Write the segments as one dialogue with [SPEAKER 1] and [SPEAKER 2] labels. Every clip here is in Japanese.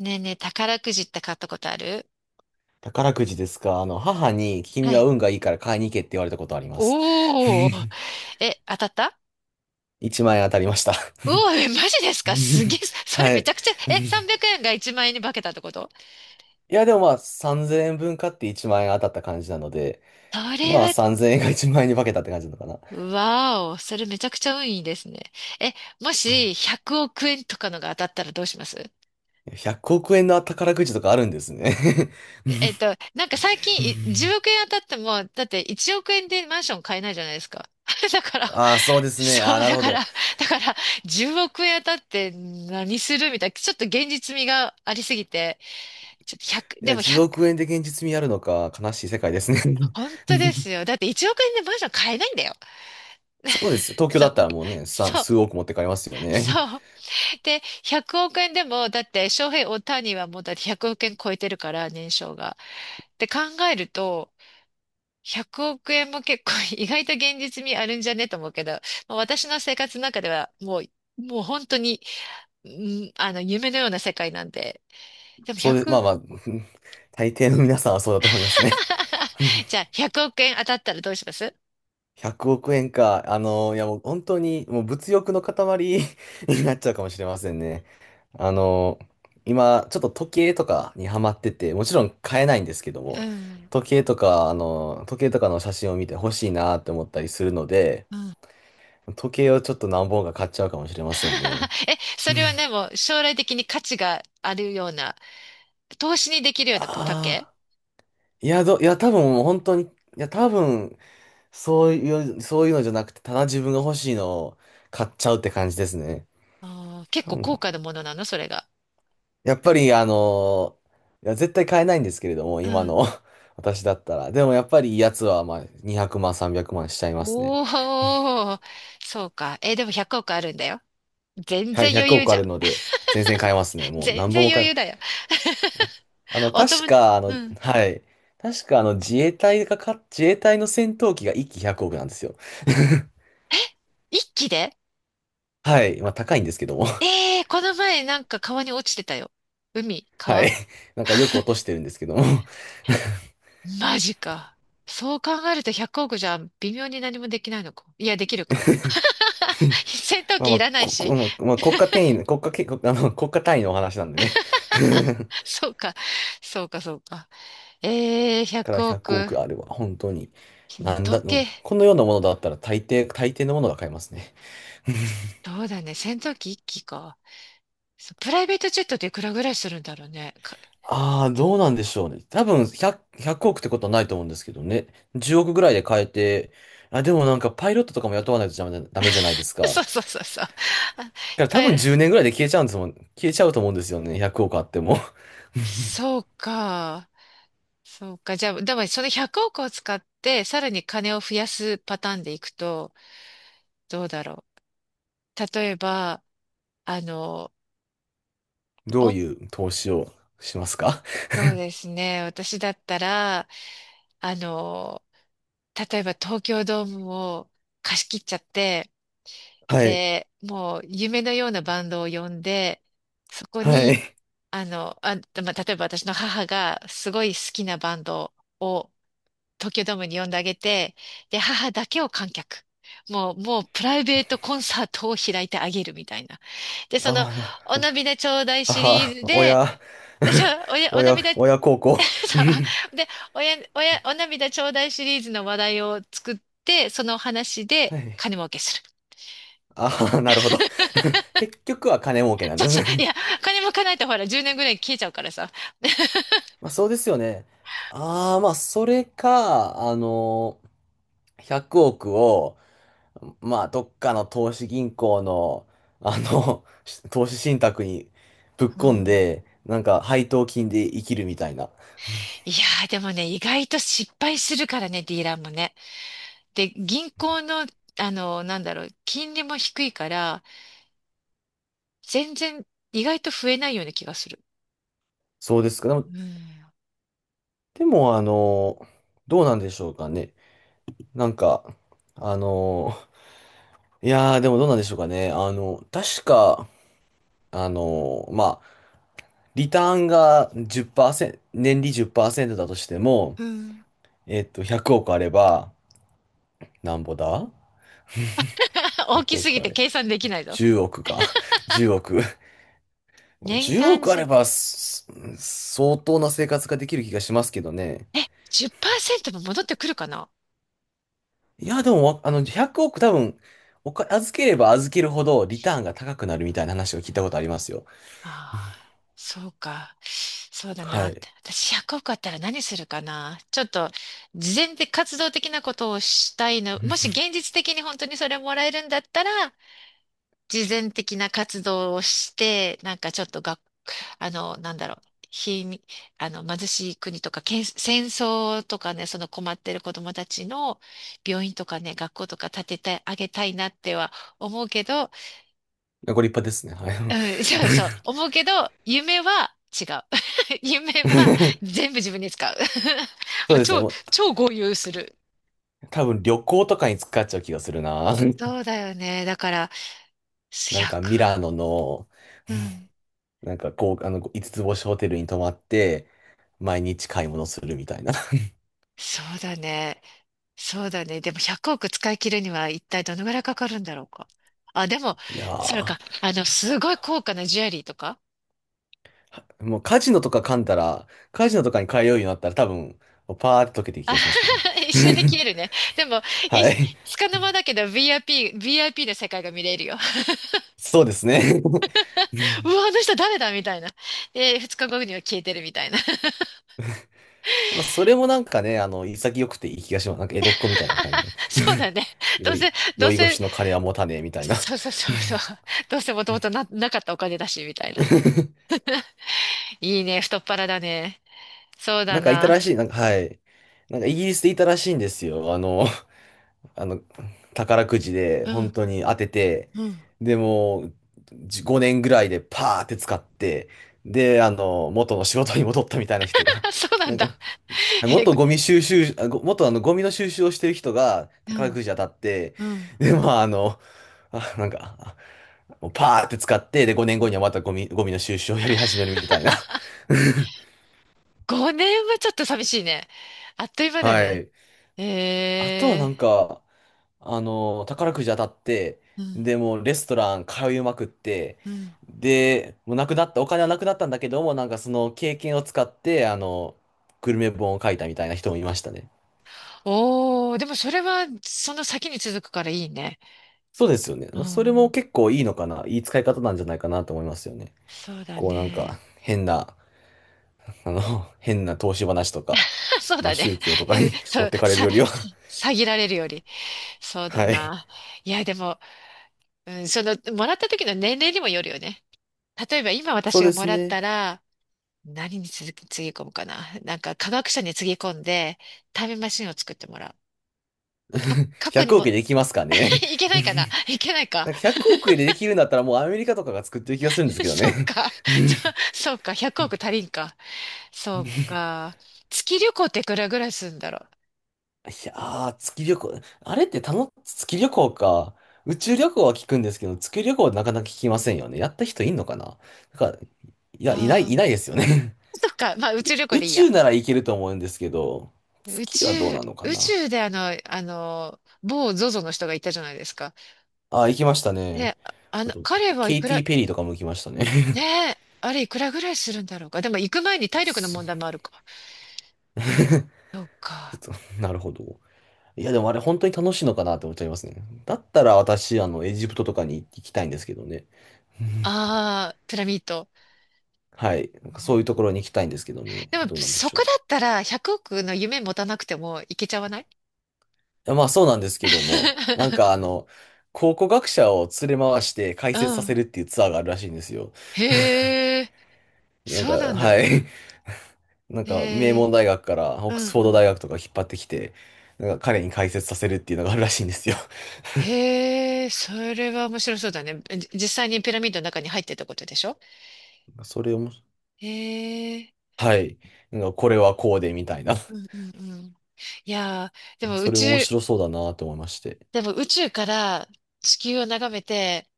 [SPEAKER 1] ねえねえ、宝くじって買ったことある？
[SPEAKER 2] 宝くじですか。母に、
[SPEAKER 1] は
[SPEAKER 2] 君は
[SPEAKER 1] い。
[SPEAKER 2] 運がいいから買いに行けって言われたことあります。
[SPEAKER 1] おー。え、当たった？
[SPEAKER 2] 1万円当たりました。
[SPEAKER 1] うおー、マジですかすげえ。それ
[SPEAKER 2] は
[SPEAKER 1] め
[SPEAKER 2] い。
[SPEAKER 1] ちゃくちゃ、300円が1万円に化けたってこと？
[SPEAKER 2] いや、でもまあ、3000円分買って1万円当たった感じなので、
[SPEAKER 1] それ
[SPEAKER 2] まあ、
[SPEAKER 1] は、
[SPEAKER 2] 3000円が1万円に化けたって感じなのかな。
[SPEAKER 1] わお、それめちゃくちゃ運いいですね。え、もし100億円とかのが当たったらどうします？
[SPEAKER 2] 100億円の宝くじとかあるんですね。
[SPEAKER 1] なんか最近10億 円当たっても、だって1億円でマンション買えないじゃないですか。だから、
[SPEAKER 2] ああ、そうですね。ああ、
[SPEAKER 1] そう、
[SPEAKER 2] なる
[SPEAKER 1] だ
[SPEAKER 2] ほ
[SPEAKER 1] から、
[SPEAKER 2] ど。
[SPEAKER 1] だから、10億円当たって何するみたいな、ちょっと現実味がありすぎて、ちょっと1
[SPEAKER 2] い
[SPEAKER 1] で
[SPEAKER 2] や、
[SPEAKER 1] も
[SPEAKER 2] 10
[SPEAKER 1] 100、
[SPEAKER 2] 億円で現実味あるのか、悲しい世界ですね。
[SPEAKER 1] 本当で すよ。だって1億円でマンション買えないんだよ。
[SPEAKER 2] そうですよ。東京
[SPEAKER 1] そう、
[SPEAKER 2] だったらもうね、さん
[SPEAKER 1] そう、
[SPEAKER 2] 数億持ってかれますよね。
[SPEAKER 1] そう。で、100億円でも、だって、翔平大谷はもうだって100億円超えてるから、年商が。って考えると、100億円も結構 意外と現実味あるんじゃねと思うけど、まあ私の生活の中ではもう、もう本当に、うん、夢のような世界なんで。でも
[SPEAKER 2] そうです。ま
[SPEAKER 1] 100、
[SPEAKER 2] あまあ、大抵の皆さんはそうだと思いますね。
[SPEAKER 1] じゃあ億円当たったらどうします？
[SPEAKER 2] 100億円か。いやもう本当に、もう物欲の塊 になっちゃうかもしれませんね。あの、今、ちょっと時計とかにハマってて、もちろん買えないんですけど
[SPEAKER 1] う
[SPEAKER 2] も、
[SPEAKER 1] ん。
[SPEAKER 2] 時計とかの写真を見て欲しいなって思ったりするので、
[SPEAKER 1] うん。
[SPEAKER 2] 時計をちょっと何本か買っちゃうかもしれませんね。
[SPEAKER 1] それはね、もう将来的に価値があるような、投資にできるような竹、
[SPEAKER 2] ああ、いや、いや、多分もう本当に、いや、多分そういそういうのじゃなくて、ただ自分が欲しいのを買っちゃうって感じですね。
[SPEAKER 1] あー結
[SPEAKER 2] 多
[SPEAKER 1] 構高
[SPEAKER 2] 分。
[SPEAKER 1] 価なものなの、それが。
[SPEAKER 2] やっぱり、いや、絶対買えないんですけれども、
[SPEAKER 1] う
[SPEAKER 2] 今
[SPEAKER 1] ん。
[SPEAKER 2] の 私だったら。でもやっぱりいいやつは、まあ、200万、300万しちゃいますね。
[SPEAKER 1] おー、そうか。でも100億あるんだよ。全
[SPEAKER 2] はい、
[SPEAKER 1] 然余
[SPEAKER 2] 100
[SPEAKER 1] 裕
[SPEAKER 2] 億
[SPEAKER 1] じ
[SPEAKER 2] あ
[SPEAKER 1] ゃん。
[SPEAKER 2] るので、全然買えますね。もう
[SPEAKER 1] 全
[SPEAKER 2] 何本
[SPEAKER 1] 然
[SPEAKER 2] も
[SPEAKER 1] 余
[SPEAKER 2] 買え、
[SPEAKER 1] 裕だよ。お
[SPEAKER 2] 確
[SPEAKER 1] 友達、
[SPEAKER 2] か、
[SPEAKER 1] うん。
[SPEAKER 2] はい。確か、自衛隊の戦闘機が1機100億なんですよ。
[SPEAKER 1] 一気で、
[SPEAKER 2] はい。まあ、高いんですけども。
[SPEAKER 1] ええー、この前なんか川に落ちてたよ。海、
[SPEAKER 2] は
[SPEAKER 1] 川、
[SPEAKER 2] い。なんかよく落としてるんですけども。
[SPEAKER 1] マジか。そう考えると100億じゃ微妙に何もできないのか。いや、できるか。戦闘
[SPEAKER 2] まあ
[SPEAKER 1] 機
[SPEAKER 2] ま
[SPEAKER 1] い
[SPEAKER 2] あ、
[SPEAKER 1] らないし。
[SPEAKER 2] 国家転移、国家け、国家単位のお話なんでね。
[SPEAKER 1] そうか。そうか、そうか。ええー、
[SPEAKER 2] から
[SPEAKER 1] 100
[SPEAKER 2] 100
[SPEAKER 1] 億。
[SPEAKER 2] 億あれば、本当に。なん
[SPEAKER 1] 時
[SPEAKER 2] だ、うん。
[SPEAKER 1] 計。
[SPEAKER 2] このようなものだったら大抵のものが買えますね。
[SPEAKER 1] そうだね。戦闘機一機か。そうプライベートジェットっていくらぐらいするんだろうね。か
[SPEAKER 2] ああ、どうなんでしょうね。多分100、億ってことはないと思うんですけどね。10億ぐらいで買えて、あ、でもなんかパイロットとかも雇わないとダメじゃないです か。だ
[SPEAKER 1] そ
[SPEAKER 2] か
[SPEAKER 1] うそうそうそう。あ、
[SPEAKER 2] ら多
[SPEAKER 1] あ
[SPEAKER 2] 分10年ぐらいで消えちゃうんですもん。消えちゃうと思うんですよね。100億あっても。
[SPEAKER 1] そうか。そうか。じゃあ、でもその100億を使って、さらに金を増やすパターンでいくと、どうだろう。例えば、あの、
[SPEAKER 2] どう
[SPEAKER 1] お、
[SPEAKER 2] いう投資をしますか？
[SPEAKER 1] そうですね。私だったら、あの、例えば東京ドームを貸し切っちゃって、
[SPEAKER 2] はい。
[SPEAKER 1] で、もう夢のようなバンドを呼んで、そこ
[SPEAKER 2] は
[SPEAKER 1] に、
[SPEAKER 2] い。
[SPEAKER 1] まあ、例えば私の母がすごい好きなバンドを東京ドームに呼んであげて、で、母だけを観客。もうプライベートコンサートを開いてあげるみたいな。で、その、
[SPEAKER 2] あ
[SPEAKER 1] お
[SPEAKER 2] あ。
[SPEAKER 1] 涙ちょうだいシリー
[SPEAKER 2] 母、
[SPEAKER 1] ズで、
[SPEAKER 2] 親、
[SPEAKER 1] じゃあお や、お
[SPEAKER 2] 親、
[SPEAKER 1] 涙、
[SPEAKER 2] 親孝行。う
[SPEAKER 1] そ
[SPEAKER 2] ん
[SPEAKER 1] うで、おや、おや、お涙ちょうだいシリーズの話題を作って、そのお話
[SPEAKER 2] は
[SPEAKER 1] で
[SPEAKER 2] い。
[SPEAKER 1] 金儲けする。
[SPEAKER 2] ああ、なるほど。結局は金儲けなん
[SPEAKER 1] そう
[SPEAKER 2] です
[SPEAKER 1] そう。い
[SPEAKER 2] ね。
[SPEAKER 1] や、金儲かないとほら、10年ぐらい消えちゃうからさ。
[SPEAKER 2] まあそうですよね。ああ、まあそれか、100億を、まあ、どっかの投資銀行の、投資信託にぶっ
[SPEAKER 1] う
[SPEAKER 2] 込ん
[SPEAKER 1] ん。
[SPEAKER 2] で、なんか配当金で生きるみたいな。
[SPEAKER 1] いやー、でもね、意外と失敗するからね、ディーラーもね。で、銀行の、なんだろう、金利も低いから、全然意外と増えないような気がする。
[SPEAKER 2] そうですか。でも、
[SPEAKER 1] うん。
[SPEAKER 2] でもどうなんでしょうかね。なんか、あの、いやー、でもどうなんでしょうかね。確か、まあ、リターンが10%、年利10%だとしても、
[SPEAKER 1] うん。
[SPEAKER 2] 100億あれば、なんぼだ1
[SPEAKER 1] 大き
[SPEAKER 2] 0
[SPEAKER 1] す
[SPEAKER 2] 億
[SPEAKER 1] ぎ
[SPEAKER 2] あ
[SPEAKER 1] て
[SPEAKER 2] れ。
[SPEAKER 1] 計算できないぞ。
[SPEAKER 2] 1億か。10億。も
[SPEAKER 1] 年
[SPEAKER 2] う
[SPEAKER 1] 間
[SPEAKER 2] 億あれ
[SPEAKER 1] じ、
[SPEAKER 2] ば、相当な生活ができる気がしますけどね。
[SPEAKER 1] 10%も戻ってくるかな？
[SPEAKER 2] いや、でもわ、100億多分、預ければ預けるほどリターンが高くなるみたいな話を聞いたことありますよ。
[SPEAKER 1] ああ、そうか。そうだな
[SPEAKER 2] は
[SPEAKER 1] っ
[SPEAKER 2] い。
[SPEAKER 1] て。私100億あったら何するかな。ちょっと、事前で活動的なことをしたいの。もし 現実的に本当にそれもらえるんだったら、慈善的な活動をして、なんかちょっとが、なんだろう、貧、貧しい国とか、けん、戦争とかね、その困ってる子供たちの病院とかね、学校とか建ててあげたいなっては思うけど、
[SPEAKER 2] ご立派ですね。
[SPEAKER 1] う
[SPEAKER 2] は
[SPEAKER 1] ん、そうそう、思うけど、夢は違う。夢
[SPEAKER 2] い。
[SPEAKER 1] は 全部自分に使う。
[SPEAKER 2] そう ですね。
[SPEAKER 1] 超、
[SPEAKER 2] もう
[SPEAKER 1] 超豪遊する。
[SPEAKER 2] 多分旅行とかに使っちゃう気がするな。
[SPEAKER 1] そ うだよね。だから、
[SPEAKER 2] な
[SPEAKER 1] 1、
[SPEAKER 2] んかミラノの、
[SPEAKER 1] うん、
[SPEAKER 2] なんかこう、五つ星ホテルに泊まって、毎日買い物するみたいな。
[SPEAKER 1] そうだね。そうだね。でも100億使い切るには一体どのぐらいかかるんだろうか。あ、でも、
[SPEAKER 2] いや
[SPEAKER 1] それ
[SPEAKER 2] ー、
[SPEAKER 1] か、すごい高価なジュエリーとか、
[SPEAKER 2] もうカジノとかに通うようになったら多分、パーって溶けていく気
[SPEAKER 1] あ
[SPEAKER 2] がしますけどね。
[SPEAKER 1] 一瞬で消え るね。でも、い、
[SPEAKER 2] はい。
[SPEAKER 1] つかの間だけど VIP、VIP の世界が見れるよ。
[SPEAKER 2] そうですね。う
[SPEAKER 1] う
[SPEAKER 2] ん
[SPEAKER 1] わ、あの人誰だみたいな。で、2日後には消えてるみたいな。
[SPEAKER 2] まあ、それもなんかね、潔くていい気がします。なんか江戸っ子みたいな感じの。
[SPEAKER 1] そうだね。ど
[SPEAKER 2] 酔
[SPEAKER 1] うせ、
[SPEAKER 2] い、
[SPEAKER 1] どう
[SPEAKER 2] 酔い越
[SPEAKER 1] せ、
[SPEAKER 2] しの金は持たねえみたいな。
[SPEAKER 1] そうそうそうそう。どうせもともとな、なかったお金だし、みたいな。いいね、太っ腹だね。そう
[SPEAKER 2] な
[SPEAKER 1] だ
[SPEAKER 2] んかいた
[SPEAKER 1] な。
[SPEAKER 2] らしい、はい。なんかイギリスでいたらしいんですよ。あの、宝くじで
[SPEAKER 1] うん、
[SPEAKER 2] 本当に当てて、
[SPEAKER 1] うん。
[SPEAKER 2] でも、5年ぐらいでパーって使って、で、元の仕事に戻ったみたいな人が、
[SPEAKER 1] そう な
[SPEAKER 2] な
[SPEAKER 1] ん
[SPEAKER 2] ん
[SPEAKER 1] だ。
[SPEAKER 2] か、
[SPEAKER 1] え
[SPEAKER 2] 元ゴミの収集をしてる人が
[SPEAKER 1] う
[SPEAKER 2] 宝
[SPEAKER 1] ん、
[SPEAKER 2] くじ当たって、
[SPEAKER 1] うん。
[SPEAKER 2] で、まあ、なんか、もうパーって使って、で、5年後にはまたゴミの収集をやり始めるみたいな。
[SPEAKER 1] 5年はちょっと寂しいね。あっという間だ
[SPEAKER 2] は
[SPEAKER 1] ね。
[SPEAKER 2] い。あとは
[SPEAKER 1] え
[SPEAKER 2] な
[SPEAKER 1] え、
[SPEAKER 2] んか、宝くじ当たって、
[SPEAKER 1] うん、
[SPEAKER 2] で、もうレストラン通いまくって、
[SPEAKER 1] うん。
[SPEAKER 2] で、もうなくなった、お金はなくなったんだけども、なんかその経験を使って、グルメ本を書いたみたいな人もいましたね。
[SPEAKER 1] おー、でもそれは、その先に続くからいいね。
[SPEAKER 2] そうですよね。
[SPEAKER 1] う
[SPEAKER 2] それ
[SPEAKER 1] ん、
[SPEAKER 2] も結構いいのかな、いい使い方なんじゃないかなと思いますよね。
[SPEAKER 1] そうだ
[SPEAKER 2] こうなん
[SPEAKER 1] ね。
[SPEAKER 2] か、変な、あの、変な投資話とか、
[SPEAKER 1] そう
[SPEAKER 2] まあ
[SPEAKER 1] だね。
[SPEAKER 2] 宗教と かに
[SPEAKER 1] そ
[SPEAKER 2] 持っ
[SPEAKER 1] う、
[SPEAKER 2] てかれるよりは
[SPEAKER 1] さぎられるより。そうだ
[SPEAKER 2] はい。
[SPEAKER 1] な。いや、でも、うん、その、もらった時の年齢にもよるよね。例えば、今
[SPEAKER 2] そう
[SPEAKER 1] 私が
[SPEAKER 2] で
[SPEAKER 1] も
[SPEAKER 2] す
[SPEAKER 1] らった
[SPEAKER 2] ね。
[SPEAKER 1] ら、何につぎ込むかな。なんか、科学者につぎ込んで、タイムマシンを作ってもらう。過去に
[SPEAKER 2] 100
[SPEAKER 1] も、
[SPEAKER 2] 億でいきますかね。
[SPEAKER 1] いけないかないけない か。
[SPEAKER 2] なんか100億円でできるんだったらもうアメリカとかが作ってる気がするんです けど
[SPEAKER 1] そう
[SPEAKER 2] ね。
[SPEAKER 1] か。そそうか。100億足りんか。そうか。月旅行っていくらぐらいするんだろう。
[SPEAKER 2] いやー、月旅行。あれってたの、月旅行か。宇宙旅行は聞くんですけど、月旅行はなかなか聞きませんよね。やった人いんのかな？なんか、いや、いない、
[SPEAKER 1] ああ、
[SPEAKER 2] いないですよね。
[SPEAKER 1] そっか。まあ、宇
[SPEAKER 2] 宇
[SPEAKER 1] 宙
[SPEAKER 2] 宙
[SPEAKER 1] 旅行
[SPEAKER 2] 宇
[SPEAKER 1] でいいや。
[SPEAKER 2] 宙なら行けると思うんですけど、
[SPEAKER 1] 宇
[SPEAKER 2] 月
[SPEAKER 1] 宙、
[SPEAKER 2] はどうなのか
[SPEAKER 1] 宇
[SPEAKER 2] な？
[SPEAKER 1] 宙で某ゾゾの人がいたじゃないですか。
[SPEAKER 2] あー、行きましたね。
[SPEAKER 1] で、
[SPEAKER 2] あと、
[SPEAKER 1] 彼はい
[SPEAKER 2] ケイ
[SPEAKER 1] く
[SPEAKER 2] テ
[SPEAKER 1] ら、
[SPEAKER 2] ィ・ペリーとかも行きましたね。
[SPEAKER 1] ね え、あれいくらぐらいするんだろうか。でも行く前に体力の
[SPEAKER 2] す
[SPEAKER 1] 問題もあ るか。そう
[SPEAKER 2] ち
[SPEAKER 1] か。
[SPEAKER 2] ょっと、なるほど。いや、でもあれ本当に楽しいのかなって思っちゃいますね。だったら私、エジプトとかに行きたいんですけどね。うん
[SPEAKER 1] ああ、ピラミッド。
[SPEAKER 2] はい。なん
[SPEAKER 1] う
[SPEAKER 2] かそういう
[SPEAKER 1] ん、
[SPEAKER 2] ところに行きたいんですけどね。
[SPEAKER 1] でも、
[SPEAKER 2] どうなんで
[SPEAKER 1] そ
[SPEAKER 2] しょ
[SPEAKER 1] こ
[SPEAKER 2] う。
[SPEAKER 1] だったら100億の夢持たなくてもいけちゃわない？
[SPEAKER 2] いやまあそうなんですけども、なん か考古学者を連れ回して解
[SPEAKER 1] う
[SPEAKER 2] 説させ
[SPEAKER 1] ん。
[SPEAKER 2] るっていうツアーがあるらしいんですよ。
[SPEAKER 1] へえ、
[SPEAKER 2] なんか、
[SPEAKER 1] そうなんだ。
[SPEAKER 2] はい。なんか名
[SPEAKER 1] へえ、
[SPEAKER 2] 門大学からオ
[SPEAKER 1] う
[SPEAKER 2] ック
[SPEAKER 1] ん
[SPEAKER 2] スフォー
[SPEAKER 1] う
[SPEAKER 2] ド
[SPEAKER 1] ん。
[SPEAKER 2] 大学とか引っ張ってきて、なんか彼に解説させるっていうのがあるらしいんですよ。
[SPEAKER 1] へえ、それは面白そうだね。じ実際にピラミッドの中に入ってたことでしょ？
[SPEAKER 2] それをも、
[SPEAKER 1] へえ、
[SPEAKER 2] はい。なんかこれはこうでみたいな。
[SPEAKER 1] うんうんうん。いやー、でも宇
[SPEAKER 2] それ面
[SPEAKER 1] 宙、
[SPEAKER 2] 白そうだなと思いまして。
[SPEAKER 1] でも宇宙から地球を眺めて、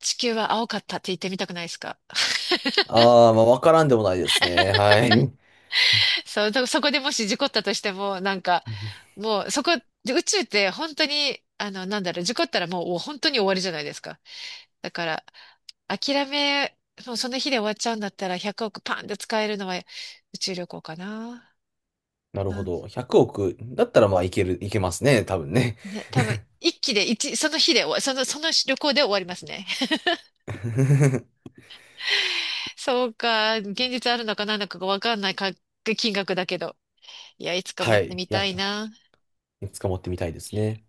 [SPEAKER 1] 地球は青かったって言ってみたくないですか？
[SPEAKER 2] ああ、まあ、わからんでもないですね。はい。うん
[SPEAKER 1] そう、だそこでもし事故ったとしても、なんか、もうそこ、宇宙って本当に、なんだろう、事故ったらもう本当に終わりじゃないですか。だから、諦め、もうその日で終わっちゃうんだったら100億パンで使えるのは宇宙旅行かな。
[SPEAKER 2] なる
[SPEAKER 1] な
[SPEAKER 2] ほ
[SPEAKER 1] ん
[SPEAKER 2] ど。100億だったら、まあ、いけますね。多分ね。
[SPEAKER 1] で、多分、一気で一、その日で終わ、その、その旅行で終わりますね。そうか、現実あるのか何なのかがわかんないか金額だけど。いや、いつか持
[SPEAKER 2] は
[SPEAKER 1] って
[SPEAKER 2] い。
[SPEAKER 1] み
[SPEAKER 2] いや、
[SPEAKER 1] たいな。
[SPEAKER 2] いつか持ってみたいですね。